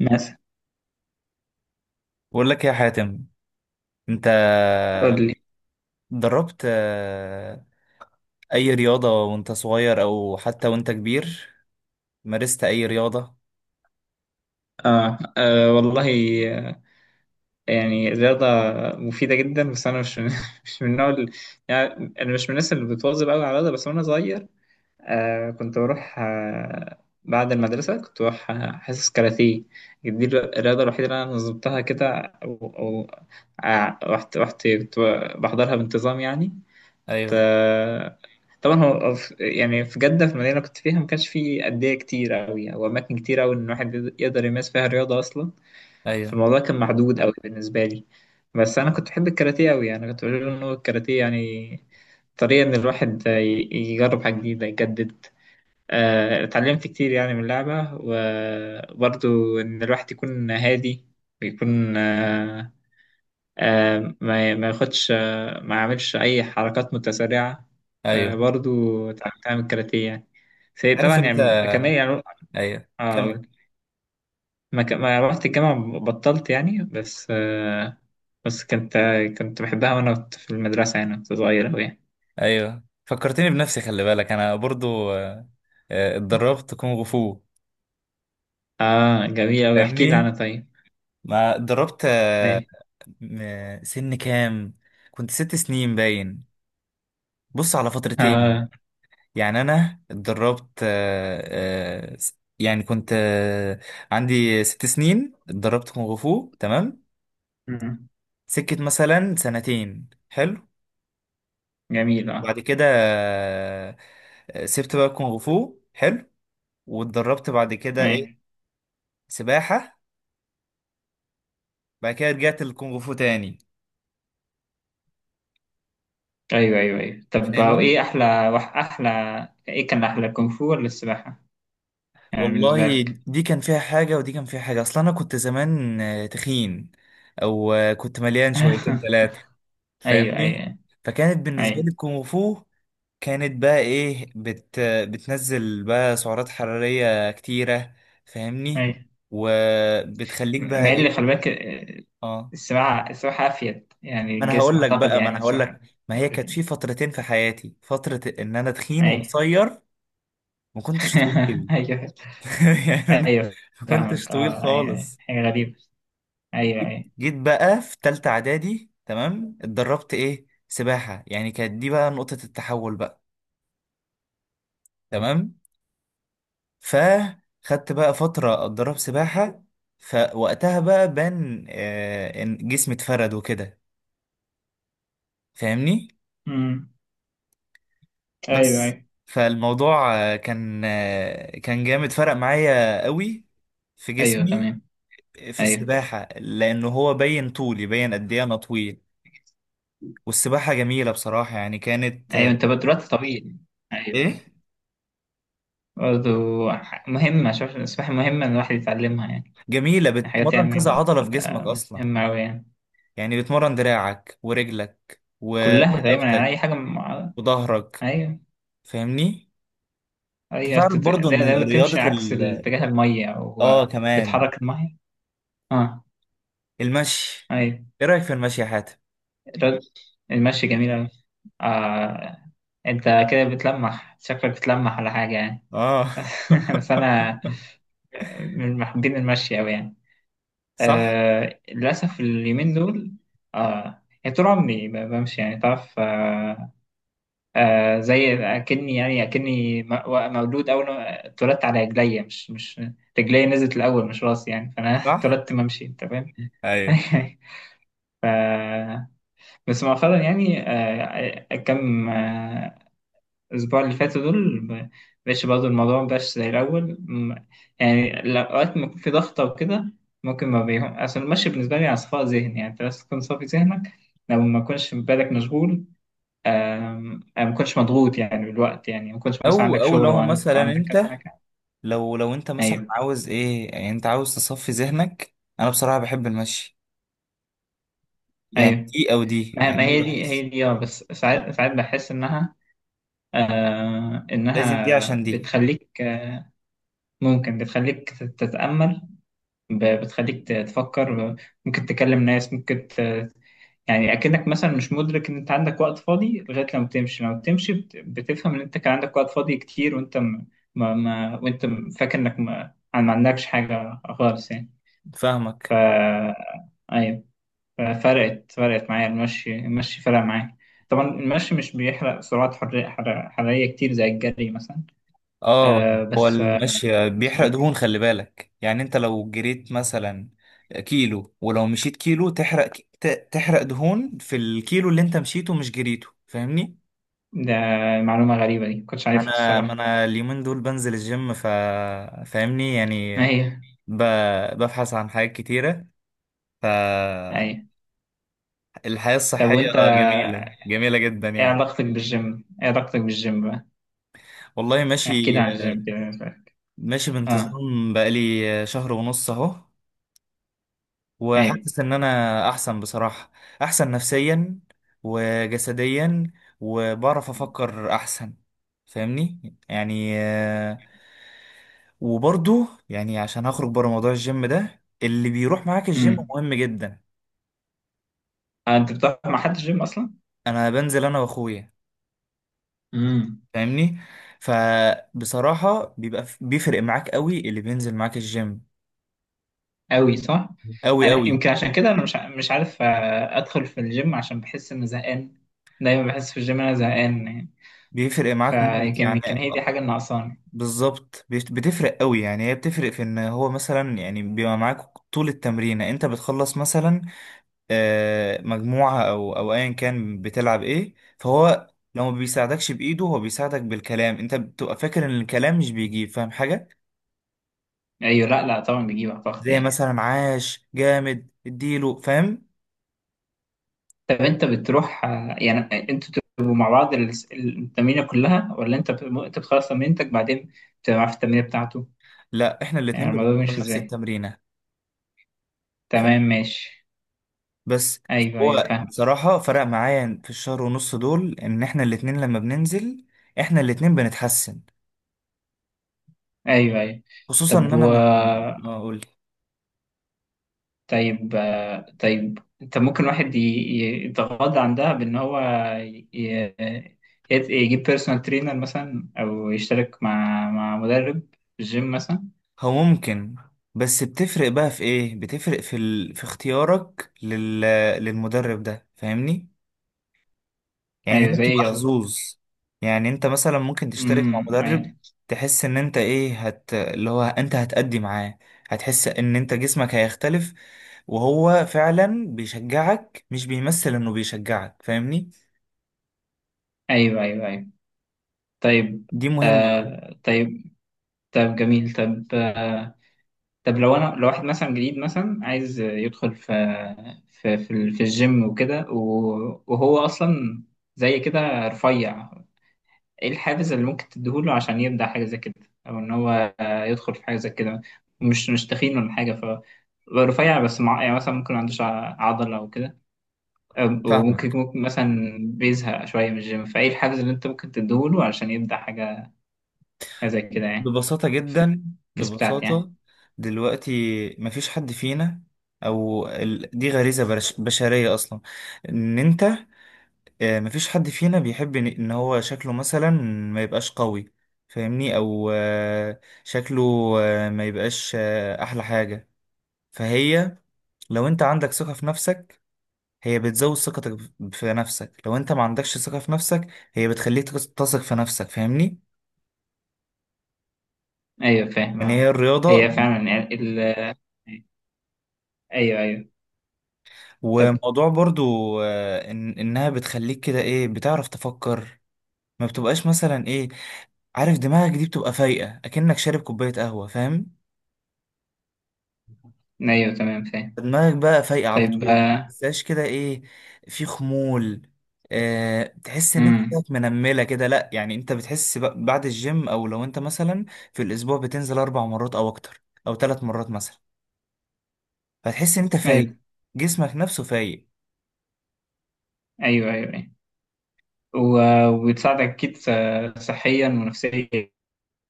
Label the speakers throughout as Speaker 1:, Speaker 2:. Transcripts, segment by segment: Speaker 1: مثلا.
Speaker 2: بقول لك يا حاتم، انت
Speaker 1: قول لي.
Speaker 2: دربت اي رياضة وانت صغير او حتى وانت كبير؟ مارست اي رياضة؟
Speaker 1: آه، آه والله. آه، يعني الرياضة مفيدة جدا، بس أنا مش من مش من النوع اللي- يعني أنا مش من الناس اللي بتواظب أوي على الرياضة، بس وأنا صغير كنت بروح بعد المدرسة كنت بروح حصص كاراتيه. دي الرياضة الوحيدة اللي أنا نظمتها كده، أو رحت كنت بحضرها بانتظام يعني.
Speaker 2: ايوه،
Speaker 1: آه، طبعا هو يعني في جدة، في المدينة اللي كنت فيها ما كانش في أندية كتير أوي أو أماكن كتير أوي إن الواحد يقدر يمارس فيها رياضة أصلا.
Speaker 2: ايوه،
Speaker 1: فالموضوع كان محدود أوي بالنسبة لي. بس أنا كنت بحب الكاراتيه أوي. أنا كنت بقول إن هو الكاراتيه يعني طريقة إن الواحد يجرب حاجة جديدة، يجدد. اتعلمت كتير يعني من اللعبة، وبرضو إن الواحد يكون هادي، ويكون ما ياخدش، ما يعملش اي حركات متسرعه.
Speaker 2: ايوه.
Speaker 1: برضو اتعلمتها من الكاراتيه يعني. في
Speaker 2: عارف
Speaker 1: طبعا
Speaker 2: انت.
Speaker 1: يعني كمان يعني.
Speaker 2: ايوه،
Speaker 1: آه،
Speaker 2: كمل.
Speaker 1: ما رحت الجامعه بطلت يعني. بس كنت بحبها وانا كنت في المدرسه يعني. كنت صغير اوي يعني.
Speaker 2: ايوه، فكرتني بنفسي، خلي بالك انا برضو اتدربت كونغ فو.
Speaker 1: اه جميل اوي، احكي لي
Speaker 2: فاهمني؟
Speaker 1: عنها طيب.
Speaker 2: ما اتدربت آه،
Speaker 1: ايه.
Speaker 2: م- سن كام كنت؟ 6 سنين باين. بص، على فترتين.
Speaker 1: اه.
Speaker 2: يعني انا اتدربت آه، آه، س- يعني كنت آه، عندي 6 سنين اتدربت كونغ فو، تمام؟
Speaker 1: مم.
Speaker 2: سكت مثلا 2 سنة، حلو.
Speaker 1: جميل
Speaker 2: وبعد
Speaker 1: اه.
Speaker 2: كده سبت بقى كونغ فو، حلو. واتدربت بعد كده
Speaker 1: ايه.
Speaker 2: ايه؟ سباحة. بعد كده رجعت للكونغ فو تاني.
Speaker 1: ايوه ايوه ايوه، طب ايه
Speaker 2: فاهمني؟
Speaker 1: احلى احلى، ايه كان احلى كونغ فو ولا السباحه، يعني بالنسبه
Speaker 2: والله،
Speaker 1: لك؟
Speaker 2: دي كان فيها حاجة ودي كان فيها حاجة. اصلا انا كنت زمان تخين. او كنت مليان شويتين ثلاثة.
Speaker 1: ايوه
Speaker 2: فاهمني؟
Speaker 1: ايوه
Speaker 2: فكانت بالنسبة لي
Speaker 1: ايوه
Speaker 2: الكونغ فو، كانت بقى ايه، بتنزل بقى سعرات حرارية كتيرة. فاهمني؟
Speaker 1: ايوه.
Speaker 2: وبتخليك بقى
Speaker 1: مع اللي خلي
Speaker 2: ايه.
Speaker 1: بالك.
Speaker 2: اه،
Speaker 1: السباحة السباحة أفيد يعني
Speaker 2: ما انا
Speaker 1: الجسم
Speaker 2: هقول لك
Speaker 1: أعتقد،
Speaker 2: بقى، ما
Speaker 1: يعني
Speaker 2: انا هقول
Speaker 1: السباحة،
Speaker 2: لك. ما هي كانت
Speaker 1: يعني
Speaker 2: في فترتين في حياتي، فترة ان انا تخين
Speaker 1: أي.
Speaker 2: وقصير، ما كنتش طويل.
Speaker 1: أيوه
Speaker 2: يعني انا
Speaker 1: أيوه
Speaker 2: ما كنتش
Speaker 1: فاهمك.
Speaker 2: طويل
Speaker 1: أه. أيوه أيوة.
Speaker 2: خالص.
Speaker 1: حاجة غريبة. أيوه أيوه.
Speaker 2: جيت بقى في تالتة اعدادي، تمام؟ اتدربت ايه، سباحة. يعني كانت دي بقى نقطة التحول بقى، تمام. فخدت بقى فترة أتدرب سباحة. فوقتها بقى بان إن جسمي اتفرد وكده. فاهمني؟
Speaker 1: أمم. أيوه
Speaker 2: بس
Speaker 1: أيوه
Speaker 2: فالموضوع كان جامد، فرق معايا قوي في
Speaker 1: أيوه.
Speaker 2: جسمي،
Speaker 1: تمام.
Speaker 2: في
Speaker 1: أيوه
Speaker 2: السباحة. لأنه هو بين طولي، بين قد إيه أنا طويل. والسباحة جميلة بصراحة، يعني كانت
Speaker 1: أيوه.
Speaker 2: آه،
Speaker 1: أنت بقى دلوقتي طويل. أيوه أيوه
Speaker 2: إيه،
Speaker 1: برضه. مهمة. شوف، السباحة مهمة إن الواحد يتعلمها يعني.
Speaker 2: جميلة،
Speaker 1: حاجات
Speaker 2: بتمرن
Speaker 1: يعني
Speaker 2: كذا عضلة في جسمك
Speaker 1: بتبقى
Speaker 2: أصلا.
Speaker 1: مهمة أوي يعني.
Speaker 2: يعني بتمرن دراعك ورجلك
Speaker 1: كلها دايما يعني، أي
Speaker 2: ورقبتك
Speaker 1: حاجة مع...
Speaker 2: وظهرك.
Speaker 1: أيوه.
Speaker 2: فاهمني؟
Speaker 1: هي
Speaker 2: تعرف برضو
Speaker 1: ده
Speaker 2: ان
Speaker 1: ده بتمشي
Speaker 2: رياضة ال،
Speaker 1: عكس اتجاه المية أو
Speaker 2: اه كمان،
Speaker 1: بتحرك المية. اه.
Speaker 2: المشي،
Speaker 1: أيوة.
Speaker 2: ايه رأيك في المشي يا حاتم؟
Speaker 1: الرد- المشي جميل أوي. آه. أنت كده بتلمح، شكلك بتلمح على حاجة يعني.
Speaker 2: اه.
Speaker 1: بس أنا من محبين المشي أوي يعني.
Speaker 2: صح،
Speaker 1: آه. للأسف اليومين دول. آه. يعني طول عمري بمشي يعني، تعرف. آه. آه زي اكني يعني مولود، اول ما اتولدت على رجليا، مش رجليا نزلت الاول مش راسي يعني. فانا
Speaker 2: صح،
Speaker 1: اتولدت ممشي، انت فاهم.
Speaker 2: ايوه.
Speaker 1: بس مؤخرا يعني، كم الاسبوع اللي فاتوا دول بقاش برضه، الموضوع مبقاش زي الاول يعني الاوقات ما يكون في ضغطه وكده، ممكن ما بيهم. اصل المشي بالنسبه لي على صفاء ذهن يعني، انت بس تكون صافي ذهنك، لو ما كنتش بالك مشغول. أنا ما كنتش مضغوط يعني بالوقت يعني، ما كنتش مثلا
Speaker 2: او
Speaker 1: عندك
Speaker 2: او
Speaker 1: شغل
Speaker 2: لو
Speaker 1: وعندك
Speaker 2: مثلا
Speaker 1: كذا
Speaker 2: انت،
Speaker 1: حاجة.
Speaker 2: لو انت مثلا
Speaker 1: أيوه
Speaker 2: عاوز ايه، يعني انت عاوز تصفي ذهنك، انا بصراحة بحب المشي. يعني
Speaker 1: أيوه.
Speaker 2: دي او دي،
Speaker 1: ما
Speaker 2: يعني
Speaker 1: ما هي
Speaker 2: انا
Speaker 1: دي
Speaker 2: بحس
Speaker 1: هي دي، أه. بس ساعات ساعات بحس إنها آه
Speaker 2: لازم دي،
Speaker 1: إنها
Speaker 2: عشان دي.
Speaker 1: بتخليك، آه ممكن بتخليك تتأمل، بتخليك تفكر، ممكن تكلم ناس ممكن ت... يعني أكنك مثلا مش مدرك إن أنت عندك وقت فاضي لغاية لما بتمشي. لما بتمشي بتفهم إن أنت كان عندك وقت فاضي كتير، وأنت م... ما... ما... وأنت فاكر إنك ما... ما عندكش حاجة خالص يعني.
Speaker 2: فاهمك.
Speaker 1: ف ايوه، فرقت معايا المشي. المشي فرق معايا. طبعا المشي مش بيحرق سعرات حرارية حرارية كتير زي الجري مثلا.
Speaker 2: اه،
Speaker 1: آه
Speaker 2: هو
Speaker 1: بس آه
Speaker 2: المشي
Speaker 1: بس
Speaker 2: بيحرق
Speaker 1: إيه؟
Speaker 2: دهون، خلي بالك. يعني انت لو جريت مثلا كيلو ولو مشيت كيلو، تحرق تحرق دهون في الكيلو اللي انت مشيته، مش جريته. فاهمني؟
Speaker 1: ده معلومة غريبة، دي مكنتش
Speaker 2: ما
Speaker 1: عارفها
Speaker 2: انا ما
Speaker 1: الصراحة.
Speaker 2: انا اليومين دول بنزل الجيم، ف، فاهمني يعني.
Speaker 1: ايوه
Speaker 2: ب... ببحث عن حاجات كتيرة، فالحياة
Speaker 1: ايوه. طب
Speaker 2: الصحية.
Speaker 1: وانت،
Speaker 2: جميلة، جميلة جدا
Speaker 1: ايه
Speaker 2: يعني.
Speaker 1: علاقتك بالجيم؟ ايه علاقتك بالجيم بقى؟
Speaker 2: والله،
Speaker 1: احكي لي
Speaker 2: ماشي.
Speaker 1: عن الجيم كده.
Speaker 2: ماشي
Speaker 1: اه.
Speaker 2: بانتظام بقالي شهر ونص اهو.
Speaker 1: ايوه.
Speaker 2: وحاسس ان انا احسن بصراحة، احسن نفسيا وجسديا، وبعرف افكر احسن. فاهمني؟ وبرضو يعني، عشان هخرج بره موضوع الجيم ده، اللي بيروح معاك الجيم
Speaker 1: امم.
Speaker 2: مهم جدا.
Speaker 1: آه، انت بتروح مع حد الجيم اصلا؟
Speaker 2: انا بنزل انا واخويا.
Speaker 1: امم.
Speaker 2: فاهمني؟ فبصراحة بيبقى، بيفرق معاك قوي اللي بينزل معاك الجيم.
Speaker 1: قوي صح.
Speaker 2: قوي،
Speaker 1: يعني
Speaker 2: قوي.
Speaker 1: يمكن عشان كده انا مش عارف ادخل في الجيم، عشان بحس اني زهقان. دايما بحس في الجيم انا زهقان يعني.
Speaker 2: بيفرق معاك موت
Speaker 1: فيمكن
Speaker 2: يعني.
Speaker 1: كان هي دي حاجه اللي ناقصاني.
Speaker 2: بالظبط. بتفرق قوي يعني. هي بتفرق في ان هو مثلا يعني بيبقى معاك طول التمرينة، انت بتخلص مثلا مجموعة او ايا كان بتلعب ايه، فهو لو ما بيساعدكش بايده، هو بيساعدك بالكلام. انت بتبقى فاكر ان الكلام مش بيجيب، فاهم حاجة
Speaker 1: ايوه. لا لا طبعا بيجيب اعتقد
Speaker 2: زي
Speaker 1: يعني.
Speaker 2: مثلا عاش جامد اديله، فاهم؟
Speaker 1: طب انت بتروح يعني، انتوا بتبقوا مع بعض التمرينه كلها، ولا انت انت بتخلص تمرينتك بعدين، بتبقى معاه في التمرينه بتاعته؟
Speaker 2: لا، احنا الاتنين
Speaker 1: يعني الموضوع
Speaker 2: بنتمرن
Speaker 1: ماشي
Speaker 2: نفس
Speaker 1: ازاي؟
Speaker 2: التمرينة. فاهم؟
Speaker 1: تمام ماشي.
Speaker 2: بس
Speaker 1: ايوه ايوه
Speaker 2: هو
Speaker 1: فاهم.
Speaker 2: بصراحة فرق معايا في الشهر ونص دول، ان احنا الاتنين لما بننزل، احنا الاتنين بنتحسن.
Speaker 1: ايوه ايوه.
Speaker 2: خصوصا ان
Speaker 1: طب و،
Speaker 2: انا من، اه قول لي.
Speaker 1: طيب طيب، انت ممكن واحد يتغاضى عن ده، بان هو ي- ي- يجيب بيرسونال ترينر مثلا، او يشترك مع مدرب في الجيم مثلا.
Speaker 2: هو ممكن، بس بتفرق بقى في ايه، بتفرق في ال، في اختيارك لل، للمدرب ده. فاهمني؟ يعني
Speaker 1: ايوه
Speaker 2: هي
Speaker 1: زي
Speaker 2: بتبقى
Speaker 1: يوضك.
Speaker 2: حظوظ. يعني انت مثلا ممكن تشترك مع
Speaker 1: امم.
Speaker 2: مدرب
Speaker 1: ايوه
Speaker 2: تحس ان انت ايه، هت، اللي هو انت هتأدي معاه، هتحس ان انت جسمك هيختلف. وهو فعلا بيشجعك، مش بيمثل انه بيشجعك. فاهمني؟
Speaker 1: ايوه ايوه ايوه. طيب.
Speaker 2: دي مهمة أوي.
Speaker 1: آه طيب. طب جميل. طب آه. طب لو انا، لو واحد مثلا جديد مثلا عايز يدخل في في الجيم وكده، وهو اصلا زي كده رفيع، ايه الحافز اللي ممكن تديهوله عشان يبدأ حاجة زي كده، او ان هو يدخل في حاجة زي كده، مش تخين ولا حاجة، ف رفيع بس مع... يعني مثلا ممكن ما عندوش عضلة او كده. وممكن
Speaker 2: فاهمك.
Speaker 1: مثلا بيزهق شوية من الجيم، فايه الحافز اللي انت ممكن تديهوله عشان يبدأ حاجة زي كده يعني،
Speaker 2: ببساطة
Speaker 1: في
Speaker 2: جدا،
Speaker 1: الكيس بتاعتي يعني؟
Speaker 2: ببساطة. دلوقتي مفيش حد فينا، أو ال، بشرية أصلا. إن أنت مفيش حد فينا بيحب إن هو شكله مثلا ما يبقاش قوي. فاهمني؟ أو شكله، ما يبقاش أحلى حاجة. فهي، لو أنت عندك ثقة في نفسك، هي بتزود ثقتك في نفسك. لو أنت ما عندكش ثقة في نفسك، هي بتخليك تثق في نفسك. فاهمني؟
Speaker 1: ايوه فاهم.
Speaker 2: يعني هي
Speaker 1: آه. هي
Speaker 2: الرياضة.
Speaker 1: فعلا يعني ال... ايوه ايوه. طب.
Speaker 2: وموضوع برضو إن إنها بتخليك كده إيه، بتعرف تفكر. ما بتبقاش مثلا إيه، عارف، دماغك دي بتبقى فايقة أكنك شارب كوباية قهوة. فاهم؟
Speaker 1: ايوه تمام فاهم.
Speaker 2: دماغك بقى فايقة على
Speaker 1: طيب.
Speaker 2: طول، ما بتحسهاش كده إيه، في خمول. أه، تحس إن أنت
Speaker 1: امم.
Speaker 2: بقت منملة كده، لأ. يعني أنت بتحس بعد الجيم، أو لو أنت مثلا في الأسبوع بتنزل 4 مرات أو أكتر أو 3 مرات مثلا، فتحس إن أنت فايق،
Speaker 1: ايوه
Speaker 2: جسمك نفسه فايق.
Speaker 1: ايوه ايوه. وبتساعدك أكيد، صحيا ونفسيا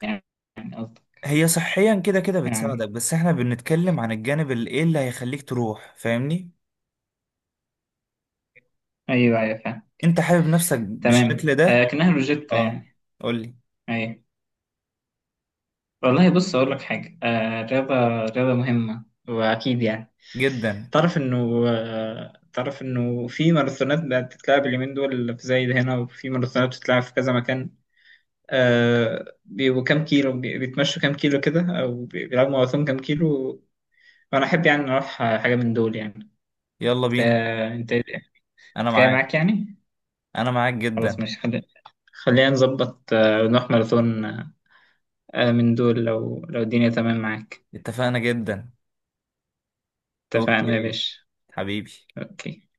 Speaker 1: يعني، يعني قصدي
Speaker 2: هي صحيا كده كده بتساعدك،
Speaker 1: يعني.
Speaker 2: بس احنا بنتكلم عن الجانب اللي ايه، اللي هيخليك تروح. فاهمني؟
Speaker 1: أيوه أيوه فاهم.
Speaker 2: انت حابب نفسك بالشكل
Speaker 1: تمام. آه
Speaker 2: ده.
Speaker 1: كأنها روجيتا
Speaker 2: اه،
Speaker 1: يعني.
Speaker 2: قولي.
Speaker 1: أيوه. والله بص أقول لك حاجة، آه الرياضة رياضة مهمة وأكيد يعني.
Speaker 2: جدا.
Speaker 1: تعرف إنه، في ماراثونات بقت تتلعب اليومين دول في زايد هنا، وفي ماراثونات بتتلعب في كذا مكان. آه بيبقوا كام كيلو بيتمشوا كام كيلو كده، أو بيلعبوا ماراثون كام كيلو. وأنا أحب يعني أروح حاجة من دول يعني.
Speaker 2: يلا
Speaker 1: انت،
Speaker 2: بينا،
Speaker 1: انت
Speaker 2: انا
Speaker 1: جاي
Speaker 2: معاك.
Speaker 1: معاك يعني.
Speaker 2: انا معاك
Speaker 1: خلاص
Speaker 2: جدا.
Speaker 1: ماشي، خلينا نظبط، نروح ماراثون من دول، لو الدنيا تمام معاك.
Speaker 2: اتفقنا جدا.
Speaker 1: اتفقنا يا
Speaker 2: اوكي.
Speaker 1: باشا.
Speaker 2: حبيبي.
Speaker 1: اوكي.